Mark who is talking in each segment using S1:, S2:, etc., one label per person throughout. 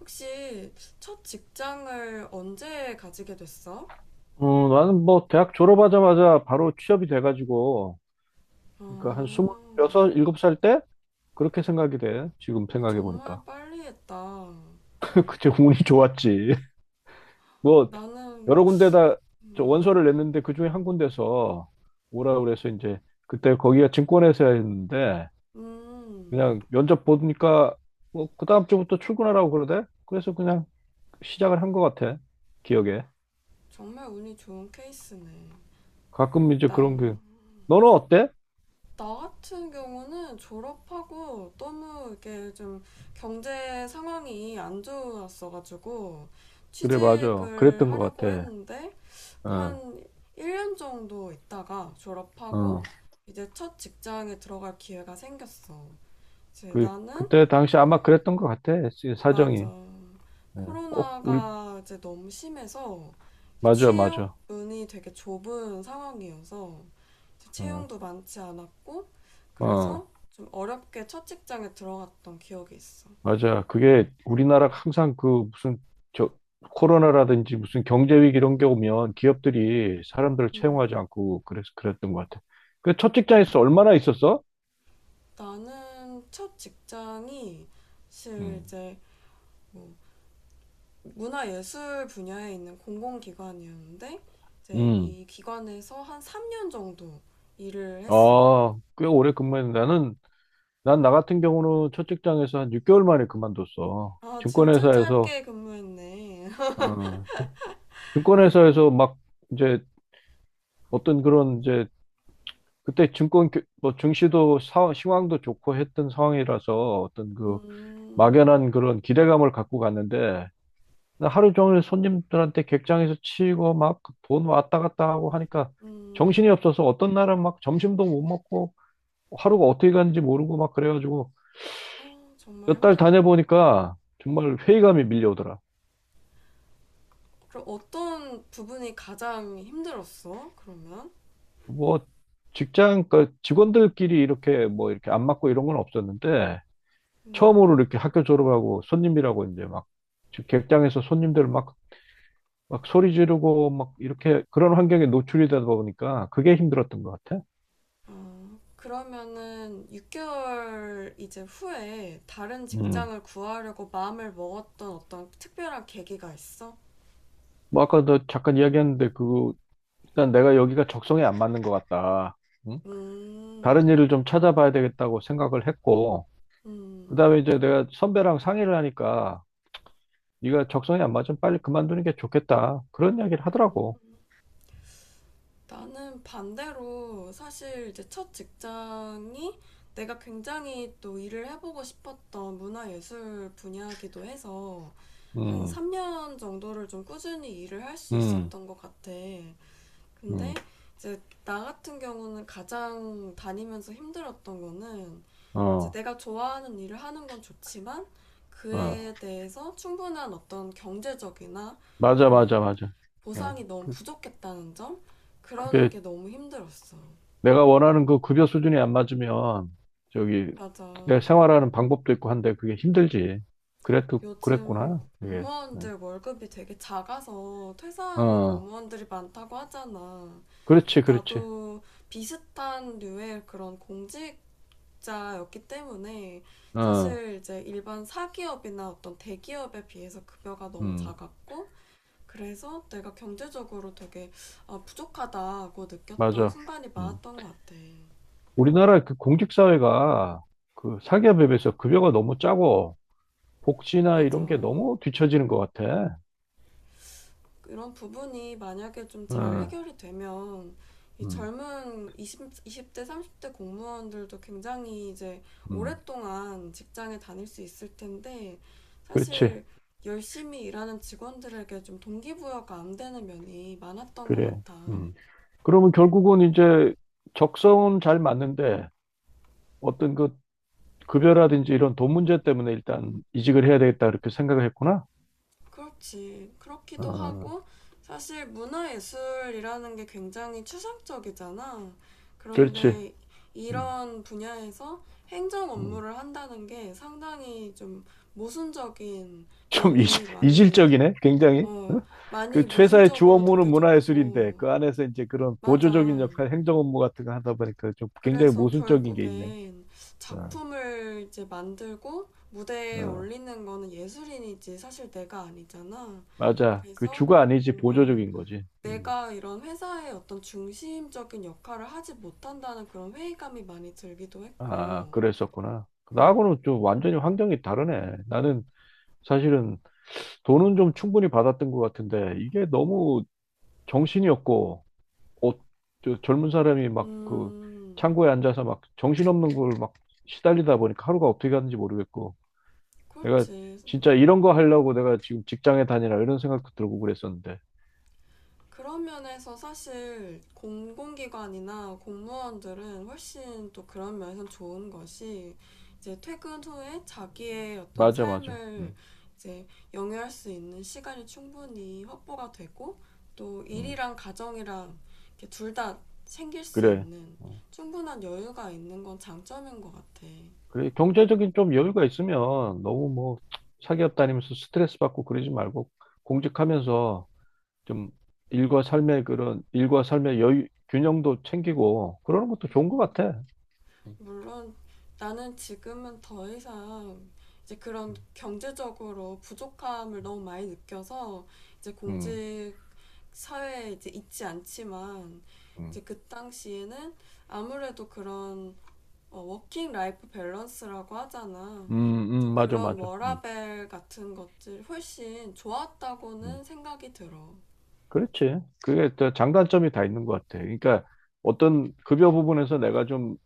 S1: 혹시 첫 직장을 언제 가지게 됐어?
S2: 어, 나는 뭐 대학 졸업하자마자 바로 취업이 돼가지고 그러니까 한
S1: 아,
S2: 스물여섯, 일곱 살 때 그렇게 생각이 돼. 지금
S1: 어,
S2: 생각해 보니까
S1: 정말 빨리 했다.
S2: 그때 운이 좋았지. 뭐
S1: 나는,
S2: 여러 군데다 저
S1: 음,
S2: 원서를 냈는데 그 중에 한 군데서 오라 그래서 이제 그때 거기가 증권회사였는데
S1: 음,
S2: 그냥 면접 보니까 뭐 그 다음 주부터 출근하라고 그러대. 그래서 그냥 시작을 한 것 같아. 기억에.
S1: 정말 운이 좋은 케이스네.
S2: 가끔 이제
S1: 나,
S2: 그런 게 너는 어때?
S1: 나 같은 경우는 졸업하고 너무 이게 좀 경제 상황이 안 좋았어가지고
S2: 그래 맞아.
S1: 취직을
S2: 그랬던 것
S1: 하려고
S2: 같아.
S1: 했는데
S2: 어.
S1: 한 1년 정도 있다가 졸업하고
S2: 어.
S1: 이제 첫 직장에 들어갈 기회가 생겼어. 제
S2: 그,
S1: 나는
S2: 그때 당시 아마 그랬던 것 같아.
S1: 맞아.
S2: 사정이. 예, 꼭 우리,
S1: 코로나가 이제 너무 심해서 이제
S2: 맞아,
S1: 취업
S2: 맞아.
S1: 문이 되게 좁은 상황이어서 이제
S2: 어,
S1: 채용도 많지 않았고 그래서
S2: 어,
S1: 좀 어렵게 첫 직장에 들어갔던 기억이 있어.
S2: 맞아. 그게 우리나라가 항상 그 무슨 저 코로나라든지 무슨 경제위기 이런 게 오면 기업들이 사람들을 채용하지
S1: 음,
S2: 않고 그래서 그랬던 것 같아. 그 첫 직장에서 얼마나 있었어?
S1: 나는 첫 직장이 사실
S2: 음.
S1: 이제 뭐 문화예술 분야에 있는 공공기관이었는데 이제
S2: 음.
S1: 이 기관에서 한 3년 정도 일을 했어.
S2: 아, 꽤 오래 근무했는데 나는 난 나 같은 경우는 첫 직장에서 한 6개월 만에 그만뒀어.
S1: 아, 진짜
S2: 증권회사에서
S1: 짧게 근무했네.
S2: 어, 증권회사에서 막 이제 어떤 그런 이제 그때 뭐 증시도 상황도 좋고 했던 상황이라서 어떤 그
S1: 음,
S2: 막연한 그런 기대감을 갖고 갔는데 나 하루 종일 손님들한테 객장에서 치이고 막 돈 왔다 갔다 하고 하니까
S1: 음,
S2: 정신이 없어서 어떤 날은 막 점심도 못 먹고 하루가 어떻게 갔는지 모르고 막 그래가지고
S1: 아, 정말
S2: 몇 달
S1: 힘들었겠다.
S2: 다녀보니까 정말 회의감이 밀려오더라.
S1: 그럼 어떤 부분이 가장 힘들었어? 그러면?
S2: 뭐 직장 그 직원들끼리 이렇게 뭐 이렇게 안 맞고 이런 건 없었는데
S1: 음,
S2: 처음으로 이렇게 학교 졸업하고 손님이라고 이제 막 객장에서 손님들 막, 막 소리 지르고 막 이렇게 그런 환경에 노출이 되다 보니까 그게 힘들었던 것 같아.
S1: 아, 그러면은 6개월 이제 후에 다른
S2: 음.
S1: 직장을 구하려고 마음을 먹었던 어떤 특별한 계기가 있어?
S2: 뭐 아까 너 잠깐 이야기했는데 그 일단 내가 여기가 적성에 안 맞는 것 같다. 응? 다른
S1: 음,
S2: 일을 좀 찾아봐야 되겠다고 생각을 했고
S1: 음,
S2: 그다음에 이제 내가 선배랑 상의를 하니까 네가 적성에 안 맞으면 빨리 그만두는 게 좋겠다. 그런 이야기를
S1: 음.
S2: 하더라고.
S1: 나는 반대로 사실 이제 첫 직장이 내가 굉장히 또 일을 해보고 싶었던 문화예술 분야이기도 해서 한
S2: 음,
S1: 3년 정도를 좀 꾸준히 일을 할 수
S2: 음,
S1: 있었던 것 같아. 근데
S2: 음,
S1: 이제 나 같은 경우는 가장 다니면서 힘들었던 거는 이제
S2: 어,
S1: 내가 좋아하는 일을 하는 건 좋지만
S2: 어.
S1: 그에 대해서 충분한 어떤 경제적이나
S2: 맞아,
S1: 그런
S2: 맞아, 맞아.
S1: 보상이
S2: 어.
S1: 너무 부족했다는 점? 그러는
S2: 그게
S1: 게 너무 힘들었어.
S2: 내가 원하는 그 급여 수준이 안 맞으면 저기
S1: 맞아.
S2: 내 생활하는 방법도 있고 한데 그게 힘들지. 그래도
S1: 요즘
S2: 그랬구나. 이게. 응.
S1: 공무원들 월급이 되게 작아서 퇴사하는
S2: 어,
S1: 공무원들이 많다고 하잖아.
S2: 그렇지, 그렇지.
S1: 나도 비슷한 류의 그런 공직자였기 때문에
S2: 어,
S1: 사실 이제 일반 사기업이나 어떤 대기업에 비해서 급여가 너무
S2: 음,
S1: 작았고 그래서 내가 경제적으로 되게 아, 부족하다고 느꼈던
S2: 맞아.
S1: 순간이
S2: 음.
S1: 많았던 것 같아.
S2: 우리나라 그 공직사회가 그 사기업에 비해서 급여가 너무 짜고 복지나
S1: 맞아.
S2: 이런 게 너무 뒤처지는 것 같아.
S1: 이런 부분이 만약에 좀 잘
S2: 응,
S1: 해결이 되면 이
S2: 음,
S1: 젊은 이십 20대, 30대 공무원들도 굉장히 이제
S2: 음.
S1: 오랫동안 직장에 다닐 수 있을 텐데
S2: 그렇지,
S1: 사실 열심히 일하는 직원들에게 좀 동기부여가 안 되는 면이 많았던 것
S2: 그래.
S1: 같아.
S2: 음. 그러면 결국은 이제 적성은 잘 맞는데 어떤 그 급여라든지 이런 돈 문제 때문에 일단 이직을 해야 되겠다 그렇게 생각을 했구나.
S1: 그렇지. 그렇기도
S2: 어,
S1: 하고, 사실 문화예술이라는 게 굉장히 추상적이잖아.
S2: 그렇지.
S1: 그런데
S2: 음,
S1: 이런 분야에서 행정
S2: 음.
S1: 업무를 한다는 게 상당히 좀 모순적인
S2: 좀
S1: 면이 많이,
S2: 이질적이네, 굉장히.
S1: 어,
S2: 그
S1: 많이
S2: 회사의 주
S1: 모순적으로
S2: 업무는 문화예술인데
S1: 느껴졌고,
S2: 그 안에서 이제 그런
S1: 맞아.
S2: 보조적인 역할, 행정 업무 같은 거 하다 보니까 좀 굉장히
S1: 그래서
S2: 모순적인 게 있네.
S1: 결국엔
S2: 어,
S1: 작품을 이제 만들고 무대에
S2: 어.
S1: 올리는 거는 예술인이지 사실 내가 아니잖아.
S2: 맞아. 그
S1: 그래서
S2: 주가 아니지
S1: 뭔가
S2: 보조적인 거지. 음.
S1: 내가 이런 회사의 어떤 중심적인 역할을 하지 못한다는 그런 회의감이 많이 들기도
S2: 아,
S1: 했고,
S2: 그랬었구나.
S1: 음,
S2: 나하고는 좀 완전히 환경이 다르네. 나는 사실은 돈은 좀 충분히 받았던 것 같은데 이게 너무 정신이 없고 어, 저 젊은 사람이 막 그
S1: 음,
S2: 창고에 앉아서 막 정신없는 걸 막 시달리다 보니까 하루가 어떻게 갔는지 모르겠고 내가
S1: 그렇지.
S2: 진짜 이런 거 하려고 내가 지금 직장에 다니라 이런 생각도 들고 그랬었는데
S1: 그런 면에서 사실 공공기관이나 공무원들은 훨씬 또 그런 면에서 좋은 것이 이제 퇴근 후에 자기의 어떤
S2: 맞아 맞아
S1: 삶을 이제 영위할 수 있는 시간이 충분히 확보가 되고 또
S2: 음,
S1: 일이랑 가정이랑 둘다 챙길 수
S2: 그래
S1: 있는
S2: 어,
S1: 충분한 여유가 있는 건 장점인 것 같아.
S2: 그래 경제적인 좀 여유가 있으면 너무 뭐 사기업 다니면서 스트레스 받고 그러지 말고 공직하면서 좀 일과 삶의 그런 일과 삶의 여유 균형도 챙기고 그러는 것도 좋은 것 같아. 음,
S1: 물론 나는 지금은 더 이상 이제 그런 경제적으로 부족함을 너무 많이 느껴서 이제
S2: 음.
S1: 공직 사회에 이제 있지 않지만
S2: 음.
S1: 이제 그 당시에는 아무래도 그런 어, 워킹 라이프 밸런스라고 하잖아.
S2: 음,
S1: 이제
S2: 맞아,
S1: 그런
S2: 맞아.
S1: 워라밸 같은 것들 훨씬
S2: 음.
S1: 좋았다고는 생각이 들어.
S2: 그렇지. 그게 또 장단점이 다 있는 것 같아. 그러니까 어떤 급여 부분에서 내가 좀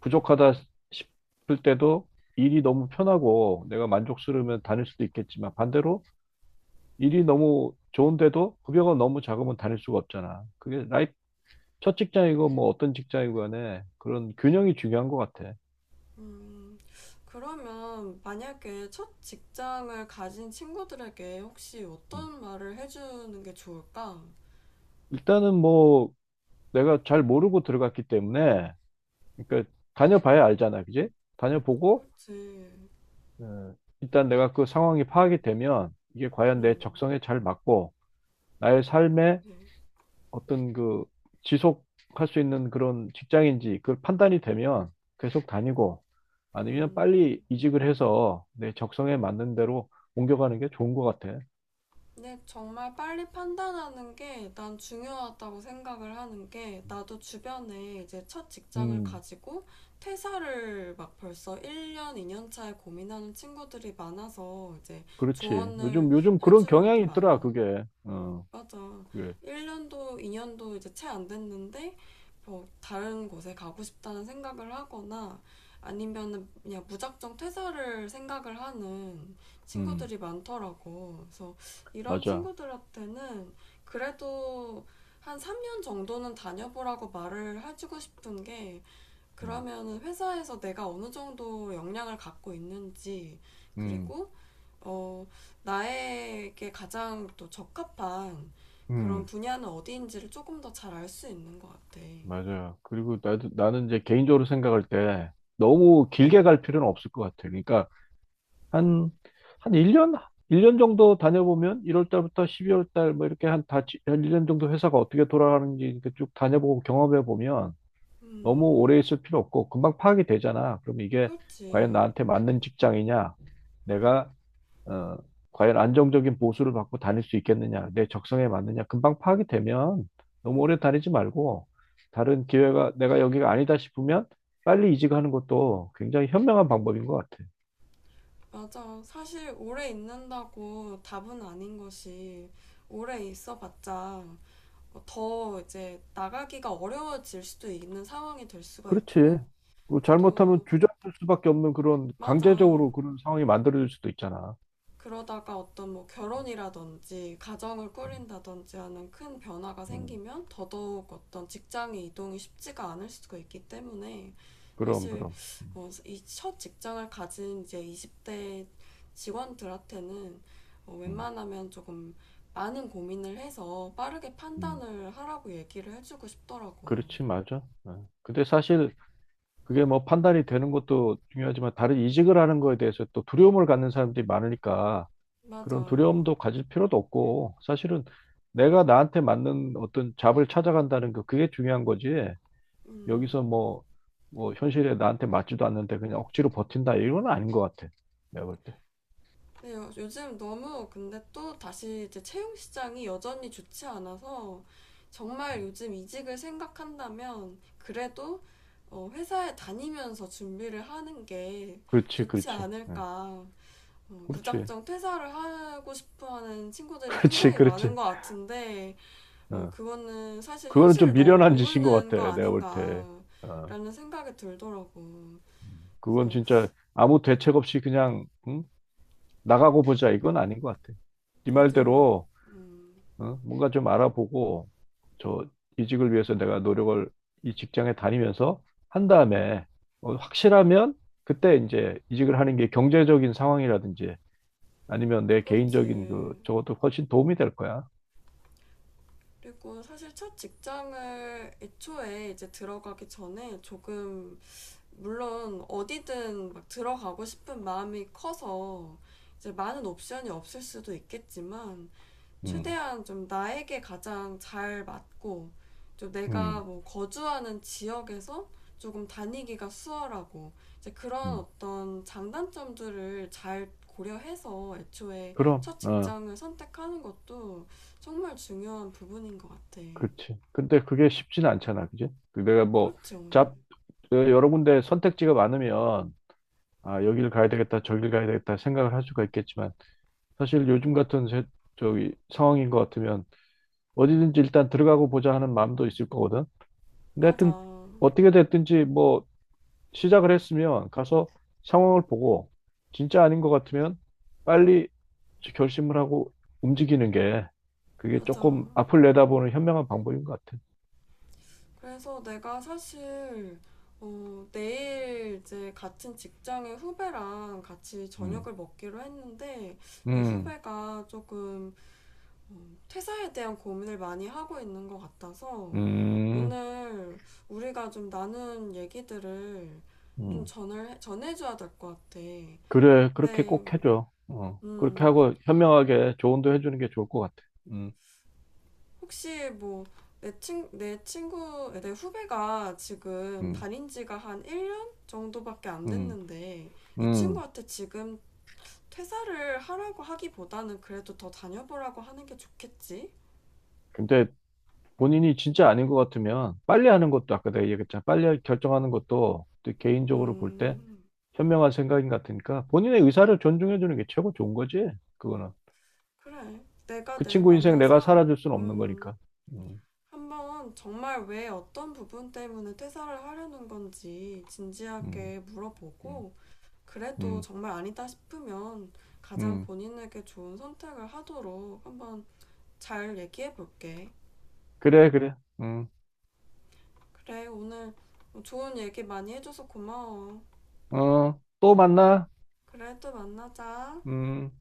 S2: 부족하다 싶을 때도 일이 너무 편하고 내가 만족스러우면 다닐 수도 있겠지만 반대로 일이 너무 좋은데도 급여가 너무 작으면 다닐 수가 없잖아. 그게 라이프, 첫 직장이고 뭐 어떤 직장이고 간에 그런 균형이 중요한 것 같아.
S1: 음, 그러면 만약에 첫 직장을 가진 친구들에게 혹시
S2: 음.
S1: 어떤 말을 해주는 게 좋을까?
S2: 일단은 뭐 내가 잘 모르고 들어갔기 때문에 그러니까 다녀봐야 알잖아. 그지? 다녀보고
S1: 그렇지.
S2: 네. 일단 내가 그 상황이 파악이 되면 이게 과연 내
S1: 음,
S2: 적성에 잘 맞고 나의 삶에
S1: 네.
S2: 어떤 그 지속할 수 있는 그런 직장인지 그 판단이 되면 계속 다니고 아니면
S1: 음,
S2: 빨리 이직을 해서 내 적성에 맞는 대로 옮겨가는 게 좋은 것 같아.
S1: 근데 정말 빨리 판단하는 게 난 중요하다고 생각을 하는 게 나도 주변에 이제 첫 직장을
S2: 음,
S1: 가지고 퇴사를 막 벌써 1년, 2년 차에 고민하는 친구들이 많아서 이제
S2: 그렇지.
S1: 조언을
S2: 요즘, 요즘 그런
S1: 해줄 일이
S2: 경향이 있더라,
S1: 많어.
S2: 그게. 어,
S1: 맞아.
S2: 그게.
S1: 1년도, 2년도 이제 채 안 됐는데, 뭐, 다른 곳에 가고 싶다는 생각을 하거나, 아니면은 그냥 무작정 퇴사를 생각을 하는
S2: 음,
S1: 친구들이 많더라고. 그래서 이런
S2: 맞아.
S1: 친구들한테는 그래도 한 3년 정도는 다녀보라고 말을 해주고 싶은 게,
S2: 음,
S1: 그러면은 회사에서 내가 어느 정도 역량을 갖고 있는지,
S2: 음,
S1: 그리고 어, 나에게 가장 또 적합한 그런
S2: 음.
S1: 분야는 어디인지를 조금 더 잘 알 수 있는 것 같아.
S2: 맞아요. 그리고 나도, 나는 이제 개인적으로 생각할 때 너무 길게 갈 필요는 없을 것 같아요. 그러니까 한, 한 1년? 일 년 정도 다녀보면 1월 달부터 12월 달 뭐 이렇게 한 1년 정도 회사가 어떻게 돌아가는지 이렇게 쭉 다녀보고 경험해 보면 너무
S1: 음,
S2: 오래 있을 필요 없고 금방 파악이 되잖아. 그럼 이게 과연
S1: 그렇지.
S2: 나한테 맞는 직장이냐?
S1: 음,
S2: 내가 어, 과연 안정적인 보수를 받고 다닐 수 있겠느냐, 내 적성에 맞느냐, 금방 파악이 되면 너무 오래
S1: 음.
S2: 다니지 말고 다른 기회가 내가 여기가 아니다 싶으면 빨리 이직하는 것도 굉장히 현명한 방법인 것 같아.
S1: 맞아. 사실 오래 있는다고 답은 아닌 것이 오래 있어봤자 더 이제 나가기가 어려워질 수도 있는 상황이 될 수가
S2: 그렇지.
S1: 있고
S2: 그리고 잘못하면
S1: 또
S2: 주저앉을 수밖에 없는 그런
S1: 맞아.
S2: 강제적으로 그런 상황이 만들어질 수도 있잖아.
S1: 그러다가 어떤 뭐 결혼이라든지 가정을
S2: 음,
S1: 꾸린다든지 하는 큰 변화가
S2: 음,
S1: 생기면 더더욱 어떤 직장의 이동이 쉽지가 않을 수가 있기 때문에
S2: 그럼,
S1: 사실
S2: 그럼.
S1: 어, 이 첫 직장을 가진 이제 20대 직원들한테는 어,
S2: 음,
S1: 웬만하면 조금 많은 고민을 해서 빠르게
S2: 음.
S1: 판단을 하라고 얘기를 해주고 싶더라고.
S2: 그렇지, 맞아. 어. 근데 사실 그게 뭐 판단이 되는 것도 중요하지만 다른 이직을 하는 거에 대해서 또 두려움을 갖는 사람들이 많으니까 그런
S1: 맞아.
S2: 두려움도 가질 필요도 없고 사실은 내가 나한테 맞는 어떤 잡을 찾아간다는 거 그게 중요한 거지.
S1: 음.
S2: 여기서 뭐, 뭐 현실에 나한테 맞지도 않는데 그냥 억지로 버틴다 이건 아닌 것 같아. 내가 볼 때.
S1: 네, 요즘 너무 근데 또 다시 이제 채용 시장이 여전히 좋지 않아서 정말 요즘 이직을 생각한다면 그래도 어, 회사에 다니면서 준비를 하는 게
S2: 그렇지,
S1: 좋지
S2: 그렇지. 예.
S1: 않을까. 어,
S2: 그렇지,
S1: 무작정 퇴사를 하고 싶어 하는 친구들이
S2: 그렇지,
S1: 굉장히 많은
S2: 그렇지.
S1: 것 같은데, 어,
S2: 어.
S1: 그거는 사실
S2: 그거는 좀
S1: 현실을 너무
S2: 미련한 짓인 것
S1: 모르는 거
S2: 같아. 내가 볼 때. 어.
S1: 아닌가라는 생각이 들더라고.
S2: 그건
S1: 그래서
S2: 진짜 아무 대책 없이 그냥 응? 나가고 보자 이건 아닌 것 같아. 네
S1: 요즘 막,
S2: 말대로
S1: 음,
S2: 어? 뭔가 좀 알아보고 저 이직을 위해서 내가 노력을 이 직장에 다니면서 한 다음에 어, 확실하면 그때 이제 이직을 하는 게 경제적인 상황이라든지 아니면 내 개인적인 그
S1: 그렇지.
S2: 저것도 훨씬 도움이 될 거야.
S1: 그리고 사실 첫 직장을 애초에 이제 들어가기 전에 조금 물론 어디든 막 들어가고 싶은 마음이 커서 이제 많은 옵션이 없을 수도 있겠지만
S2: 음,
S1: 최대한 좀 나에게 가장 잘 맞고 좀 내가
S2: 음,
S1: 뭐 거주하는 지역에서 조금 다니기가 수월하고 이제 그런
S2: 음.
S1: 어떤 장단점들을 잘 고려해서 애초에
S2: 그럼,
S1: 첫
S2: 어,
S1: 직장을 선택하는 것도 정말 중요한 부분인 것 같아.
S2: 그렇지. 근데 그게 쉽지는 않잖아, 그지? 그 내가 뭐,
S1: 그렇죠.
S2: 잡, 어, 여러 군데 선택지가 많으면, 아, 여길 가야 되겠다, 저길 가야 되겠다 생각을 할 수가 있겠지만, 사실 요즘 같은 저기 상황인 것 같으면 어디든지 일단 들어가고 보자 하는 마음도 있을 거거든. 근데 하여튼
S1: 맞아.
S2: 어떻게 됐든지 뭐 시작을 했으면 가서 상황을 보고 진짜 아닌 것 같으면 빨리 결심을 하고 움직이는 게 그게
S1: 맞아.
S2: 조금 앞을 내다보는 현명한 방법인 것 같아.
S1: 그래서 내가 사실 어, 내일 이제 같은 직장의 후배랑 같이
S2: 음,
S1: 저녁을 먹기로 했는데 이
S2: 음,
S1: 후배가 조금 어, 퇴사에 대한 고민을 많이 하고 있는 것 같아서
S2: 음,
S1: 오늘 우리가 좀 나눈 얘기들을 좀
S2: 음.
S1: 전을 전해줘야 될 것 같아.
S2: 그래, 그렇게
S1: 근데
S2: 꼭 해줘. 어, 그렇게
S1: 음,
S2: 하고 현명하게 조언도 해주는 게 좋을 것 같아. 음,
S1: 혹시 뭐 내 친구, 내 후배가 지금
S2: 음,
S1: 다닌 지가 한 1년 정도밖에 안
S2: 음,
S1: 됐는데 이
S2: 음.
S1: 친구한테 지금 퇴사를 하라고 하기보다는 그래도 더 다녀보라고 하는 게 좋겠지?
S2: 근데 본인이 진짜 아닌 것 같으면 빨리 하는 것도 아까 내가 얘기했잖아. 빨리 결정하는 것도 또 개인적으로 볼 때
S1: 음,
S2: 현명한 생각인 것 같으니까 본인의 의사를 존중해 주는 게 최고 좋은 거지. 그거는.
S1: 그래. 내가
S2: 그
S1: 내일
S2: 친구 인생 내가
S1: 만나서,
S2: 살아줄 수는 없는
S1: 음,
S2: 거니까. 음,
S1: 한번 정말 왜 어떤 부분 때문에 퇴사를 하려는 건지
S2: 음,
S1: 진지하게
S2: 음,
S1: 물어보고 그래도
S2: 음,
S1: 정말 아니다 싶으면 가장
S2: 음.
S1: 본인에게 좋은 선택을 하도록 한번 잘 얘기해 볼게.
S2: 그래, 그래. 음,
S1: 그래, 오늘 좋은 얘기 많이 해줘서 고마워.
S2: 어, 또 만나.
S1: 그래, 또 만나자.
S2: 음.